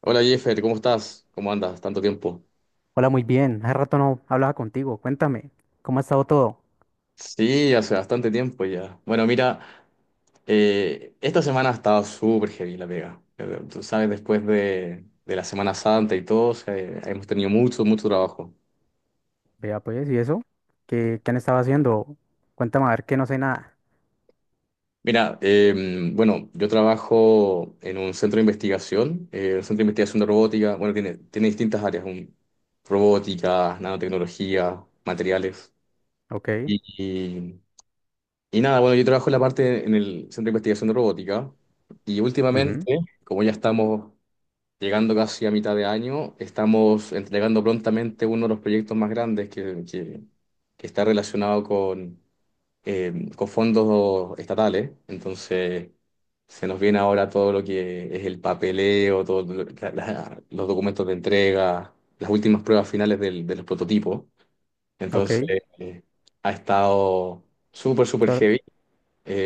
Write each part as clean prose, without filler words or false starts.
Hola Jeffer, ¿cómo estás? ¿Cómo andas? Tanto tiempo. Hola, muy bien. Hace rato no hablaba contigo. Cuéntame, ¿cómo ha estado todo? Sí, hace bastante tiempo ya. Bueno, mira, esta semana ha estado súper heavy la pega. Tú sabes, después de la Semana Santa y todo, hemos tenido mucho, mucho trabajo. Vea, pues, ¿y eso? ¿Qué han estado haciendo? Cuéntame, a ver, que no sé nada. Mira, bueno, yo trabajo en un centro de investigación, un centro de investigación de robótica. Bueno, tiene distintas áreas: robótica, nanotecnología, materiales. Ok, Y nada, bueno, yo trabajo en la parte en el Centro de Investigación de Robótica y ujú, últimamente, como ya estamos llegando casi a mitad de año, estamos entregando prontamente uno de los proyectos más grandes que está relacionado con fondos estatales. Entonces, se nos viene ahora todo lo que es el papeleo, todos los documentos de entrega, las últimas pruebas finales de los prototipos. ok. Entonces, Eso, eh, ha estado súper, súper eso heavy.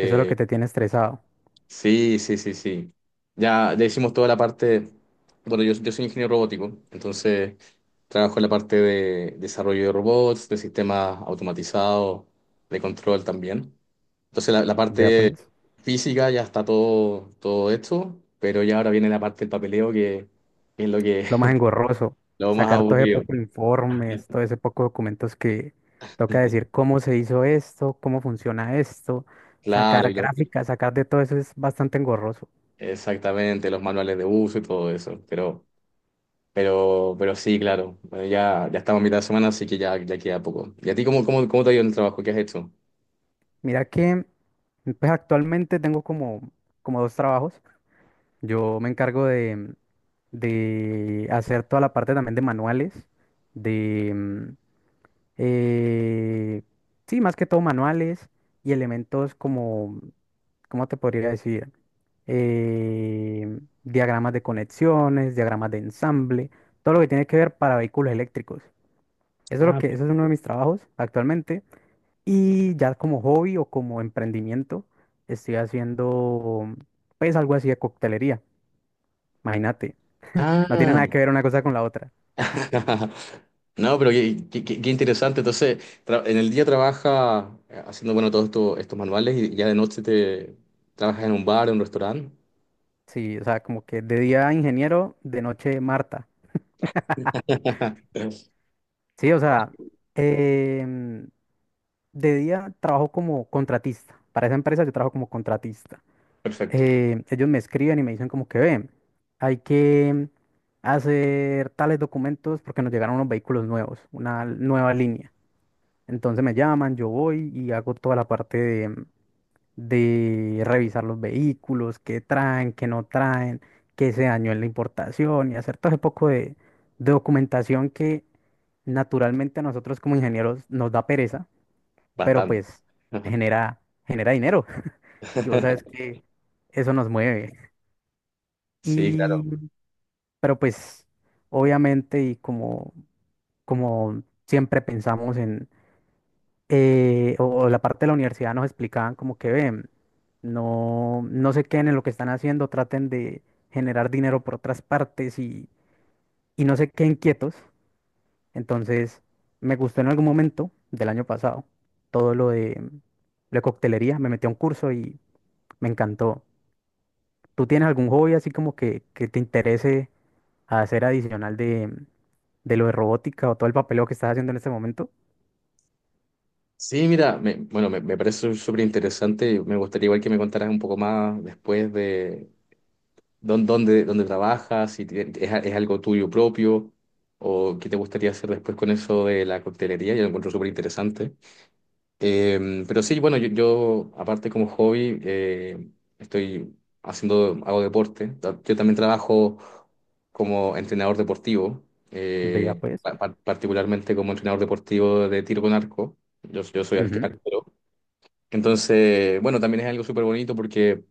es lo que te tiene estresado. Sí, sí, sí, sí. Ya hicimos toda la parte. Bueno, yo soy ingeniero robótico, entonces trabajo en la parte de desarrollo de robots, de sistemas automatizados, de control también. Entonces la Vea, parte pues, física ya está todo, todo hecho, pero ya ahora viene la parte del papeleo que, es lo que lo más engorroso. lo más Sacar todo ese aburrido. poco de informes, todo ese poco de documentos que toca decir cómo se hizo esto, cómo funciona esto. Claro, Sacar gráficas, sacar de todo eso es bastante engorroso. exactamente, los manuales de uso y todo eso. Pero sí, claro. Bueno, ya estamos a mitad de semana, así que ya queda poco. ¿Y a ti cómo, cómo, cómo te ha ido en el trabajo? ¿Qué has hecho? Mira que, pues, actualmente tengo como dos trabajos. Yo me encargo de hacer toda la parte también de manuales, de, eh, sí, más que todo manuales y elementos como, ¿cómo te podría decir? Diagramas de conexiones, diagramas de ensamble, todo lo que tiene que ver para vehículos eléctricos. Eso es lo Ah, que, eso es uno de mis trabajos actualmente. Y ya como hobby o como emprendimiento, estoy haciendo pues algo así de coctelería, imagínate. No tiene nada ah, que ver una cosa con la otra. no, pero qué, qué interesante. Entonces, en el día trabaja haciendo, bueno, todos estos, estos manuales, y ya de noche te trabajas en un bar, en un restaurante. Sí, o sea, como que de día ingeniero, de noche Marta. Sí, o sea, em, de día trabajo como contratista. Para esa empresa yo trabajo como contratista. Perfecto, Ellos me escriben y me dicen como que ven, hay que hacer tales documentos porque nos llegaron unos vehículos nuevos, una nueva línea. Entonces me llaman, yo voy y hago toda la parte de revisar los vehículos, qué traen, qué no traen, qué se dañó en la importación y hacer todo ese poco de documentación que naturalmente a nosotros como ingenieros nos da pereza, pero bastante. pues genera, genera dinero y vos sabes que eso nos mueve. Sí, Y, claro. pero pues obviamente y como siempre pensamos en o la parte de la universidad nos explicaban como que ven, no, no se queden en lo que están haciendo, traten de generar dinero por otras partes y no se queden quietos. Entonces, me gustó en algún momento del año pasado todo lo de la coctelería, me metí a un curso y me encantó. ¿Tú tienes algún hobby así como que te interese hacer adicional de lo de robótica o todo el papeleo que estás haciendo en este momento? Sí, mira, bueno, me parece súper interesante. Me gustaría igual que me contaras un poco más después. ¿Dónde trabajas? Si es, es algo tuyo propio o qué te gustaría hacer después con eso de la coctelería. Yo lo encuentro súper interesante. Pero sí, bueno, aparte como hobby, estoy hago deporte. Yo también trabajo como entrenador deportivo, Vea pues. Particularmente como entrenador deportivo de tiro con arco. Yo soy Ujú, arquero. Entonces, bueno, también es algo súper bonito porque...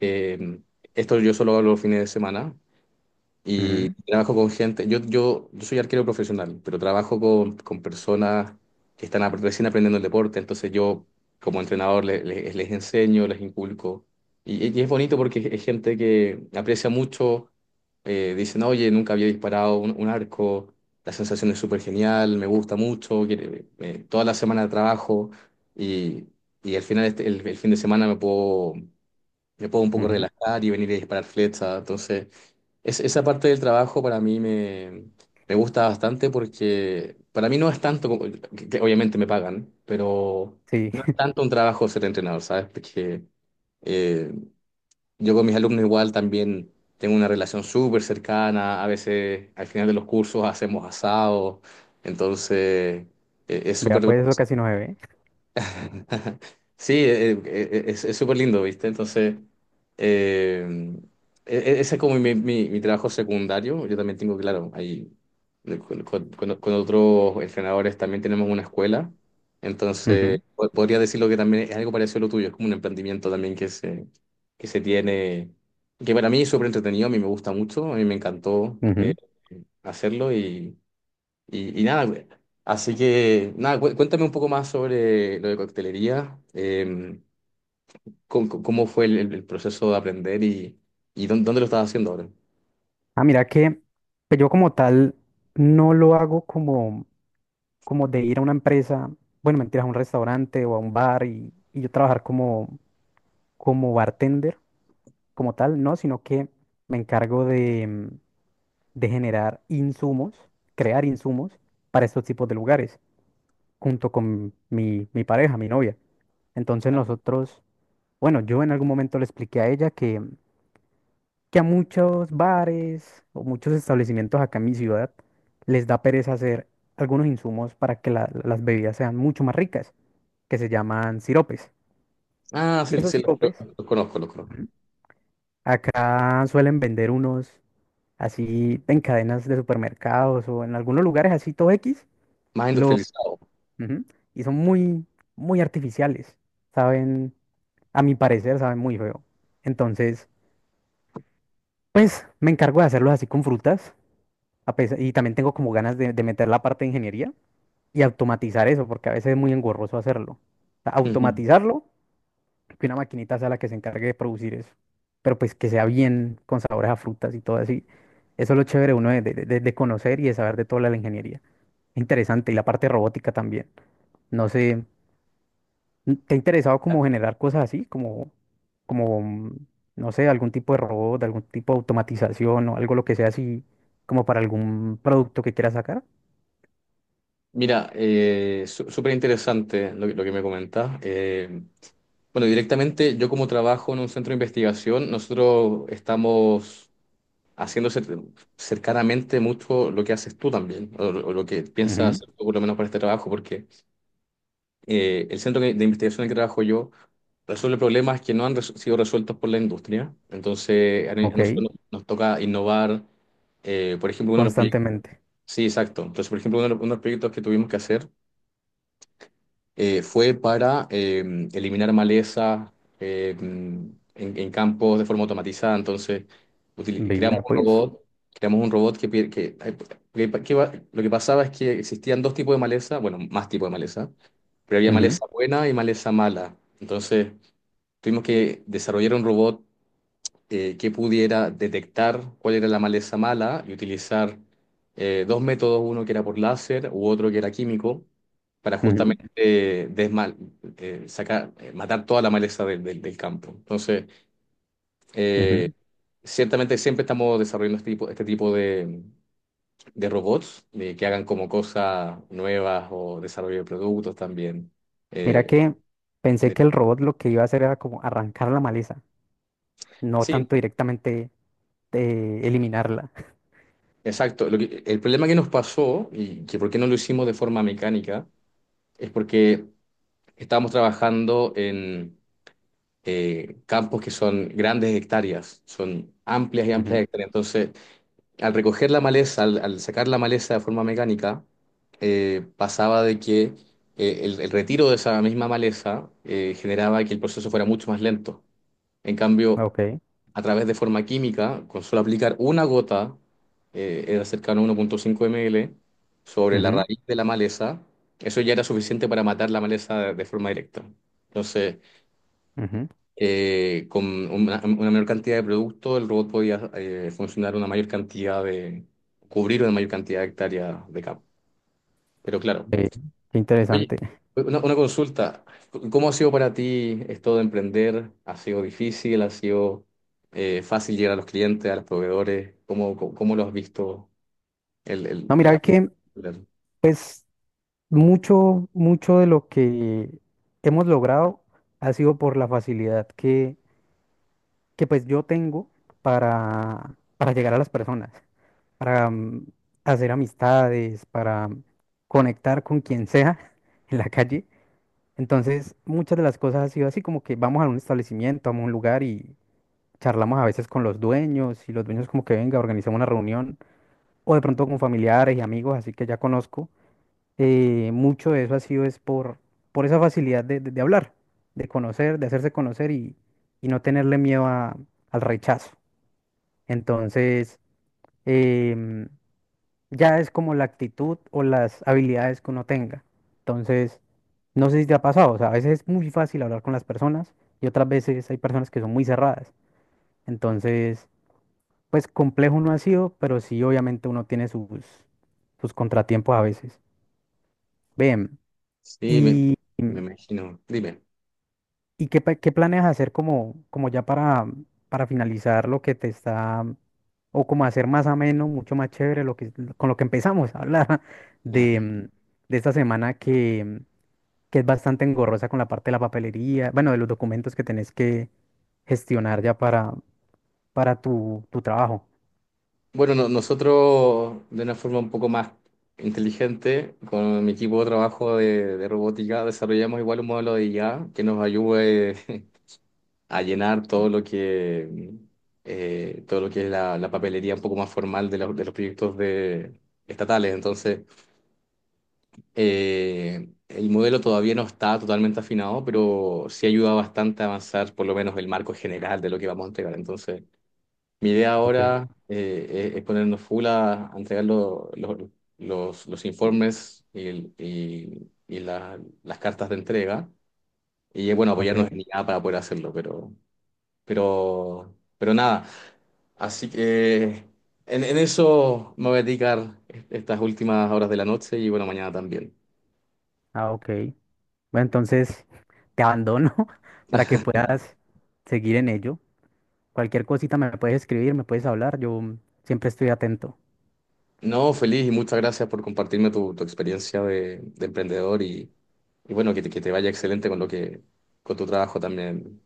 eh, esto yo solo hago los fines de semana, y trabajo con gente. Yo soy arquero profesional, pero trabajo con personas que están recién aprendiendo el deporte. Entonces yo, como entrenador, enseño, les inculco. Y es bonito porque es gente que aprecia mucho. Dicen: oye, nunca había disparado un arco, la sensación es súper genial, me gusta mucho. Toda la semana trabajo, y, y al final el fin de semana me puedo un ujú, poco ujú. relajar y venir a disparar flechas. Entonces... Esa parte del trabajo para mí me gusta bastante, porque para mí no es tanto como que obviamente me pagan, pero Sí. no es tanto un trabajo ser entrenador, ¿sabes? Porque eh, yo con mis alumnos igual también tengo una relación súper cercana. A veces al final de los cursos hacemos asado. Entonces es Vea, súper pues eso casi no se ve. sí, es súper lindo, ¿viste? Entonces, eh, ese es como mi trabajo secundario. Yo también tengo, claro, ahí, con otros entrenadores, también tenemos una escuela. Entonces, Ujú, podría decirlo que también es algo parecido a lo tuyo, es como un emprendimiento también que se tiene, que para mí es súper entretenido. A mí me gusta mucho, a mí me encantó, ujú. hacerlo. Y nada, güey, así que nada, cuéntame un poco más sobre lo de coctelería, cómo fue el proceso de aprender, y dónde lo estás haciendo ahora. Ah, mira que pues, yo como tal no lo hago como de ir a una empresa, bueno, mentira, a un restaurante o a un bar y yo trabajar como bartender, como tal, no, sino que me encargo de, de generar insumos, crear insumos para estos tipos de lugares, junto con mi pareja, mi novia. Entonces nosotros, bueno, yo en algún momento le expliqué a ella que a muchos bares o muchos establecimientos acá en mi ciudad les da pereza hacer algunos insumos para que las bebidas sean mucho más ricas, que se llaman siropes. Ah, Y sí, esos sí, los, siropes, los- los conozco, los conozco. ujú, acá suelen vender unos así en cadenas de supermercados o en algunos lugares así todo X, Más lo, industrializado. ujú, y son muy, muy artificiales, saben, a mi parecer, saben muy feo. Entonces, pues me encargo de hacerlos así con frutas. Y también tengo como ganas de meter la parte de ingeniería y automatizar eso, porque a veces es muy engorroso hacerlo. O sea, Ujú. automatizarlo, que una maquinita sea la que se encargue de producir eso. Pero pues que sea bien con sabores a frutas y todo así. Eso es lo chévere uno de conocer y de saber de toda la ingeniería. Interesante. Y la parte robótica también. No sé, ¿te ha interesado como generar cosas así? Como, mm, no sé, algún tipo de robot, algún tipo de automatización o algo lo que sea así, como para algún producto que quieras sacar. Mira, súper interesante que lo que me comentas. Bueno, directamente, yo como trabajo en un centro de investigación, nosotros estamos haciendo cercanamente mucho lo que haces tú también, o lo que piensas Ujú. hacer tú por lo menos para este trabajo, porque... el centro de investigación en que trabajo yo resuelve problemas que no han sido resueltos por la industria. Entonces, a Ok, nosotros nos toca innovar. Por ejemplo, uno de los proyectos. constantemente. Sí, exacto. Entonces, por ejemplo, uno de los proyectos que tuvimos que hacer, fue para, eliminar maleza, en campos de forma automatizada. Entonces, creamos Veía, pues. Creamos un robot que, pi- que va- lo que pasaba es que existían dos tipos de maleza, bueno, más tipos de maleza, pero había Ujú, maleza buena y maleza mala. Entonces, tuvimos que desarrollar un robot que pudiera detectar cuál era la maleza mala y utilizar dos métodos, uno que era por láser u otro que era químico, para ujú, justamente eh, desmal- matar toda la maleza del campo. Entonces, eh, ujú. ciertamente siempre estamos desarrollando este tipo de robots que hagan como cosas nuevas, o desarrollo de productos también. Mira Eh, que pensé de- que el robot lo que iba a hacer era como arrancar la maleza, no sí, tanto directamente eliminarla. exacto. El problema que nos pasó, y que por qué no lo hicimos de forma mecánica, es porque estamos trabajando en campos que son grandes hectáreas, son amplias y amplias Ujú, hectáreas. Entonces, al recoger la maleza, al sacar la maleza de forma mecánica, pasaba de que, el retiro de esa misma maleza, generaba que el proceso fuera mucho más lento. En cambio, ok, a través de forma química, con solo aplicar una gota, era cercano a 1,5 ml sobre la ujú, raíz de la maleza, eso ya era suficiente para matar la maleza de forma directa. Entonces, ujú. Con una menor cantidad de productos, el robot podía, funcionar una mayor cantidad cubrir una mayor cantidad de hectáreas de campo. Pero claro. Ve, qué Oye, interesante. una consulta: ¿cómo ha sido para ti esto de emprender? ¿Ha sido difícil? ¿Ha sido, fácil llegar a los clientes, a los proveedores? ¿Cómo lo has visto? El, el- No, mira la- que, la- pues, mucho, mucho de lo que hemos logrado ha sido por la facilidad que pues yo tengo para llegar a las personas, para hacer amistades, para conectar con quien sea en la calle. Entonces, muchas de las cosas ha sido así como que vamos a un establecimiento, vamos a un lugar y charlamos a veces con los dueños y los dueños como que venga, organizamos una reunión o de pronto con familiares y amigos, así que ya conozco. Mucho de eso ha sido es por esa facilidad de hablar, de conocer, de hacerse conocer y no tenerle miedo al rechazo. Entonces, em, ya es como la actitud o las habilidades que uno tenga. Entonces, no sé si te ha pasado, o sea, a veces es muy fácil hablar con las personas y otras veces hay personas que son muy cerradas. Entonces, pues complejo no ha sido, pero sí obviamente uno tiene sus contratiempos a veces. Bien, Sí, me, y me em, imagino. Dime. ¿Y qué planeas hacer como ya para finalizar lo que te está, o como hacer más ameno, mucho más chévere lo que, con lo que empezamos a hablar de, mm, de esta semana que es bastante engorrosa con la parte de la papelería, bueno, de los documentos que tenés que gestionar ya para tu trabajo? Bueno, nosotros de una forma un poco más inteligente, con mi equipo de trabajo de robótica, desarrollamos igual un modelo de IA que nos ayude a llenar todo lo que es la papelería un poco más formal los de los proyectos, estatales. Entonces, el modelo todavía no está totalmente afinado, pero sí ayuda bastante a avanzar por lo menos el marco general de lo que vamos a entregar. Entonces, mi idea Ok, ahora, es ponernos full a entregar los informes, las cartas de entrega. Bueno, ok, apoyarnos en IA para poder hacerlo, pero, nada. Así que en eso me voy a dedicar estas últimas horas de la noche, y bueno, mañana también. ah, ok. Bueno, entonces te abandono para que puedas seguir en ello. Cualquier cosita me puedes escribir, me puedes hablar, yo siempre estoy atento. No, feliz, y muchas gracias por compartirme tu experiencia de emprendedor, y bueno, que te vaya excelente con lo que, con tu trabajo también.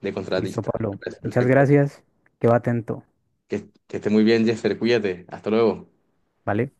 De Listo, contratista. Me Pablo. parece Muchas perfecto. gracias, quedo atento, Que, que esté muy bien, Jeffer. Cuídate. Hasta luego. ¿vale?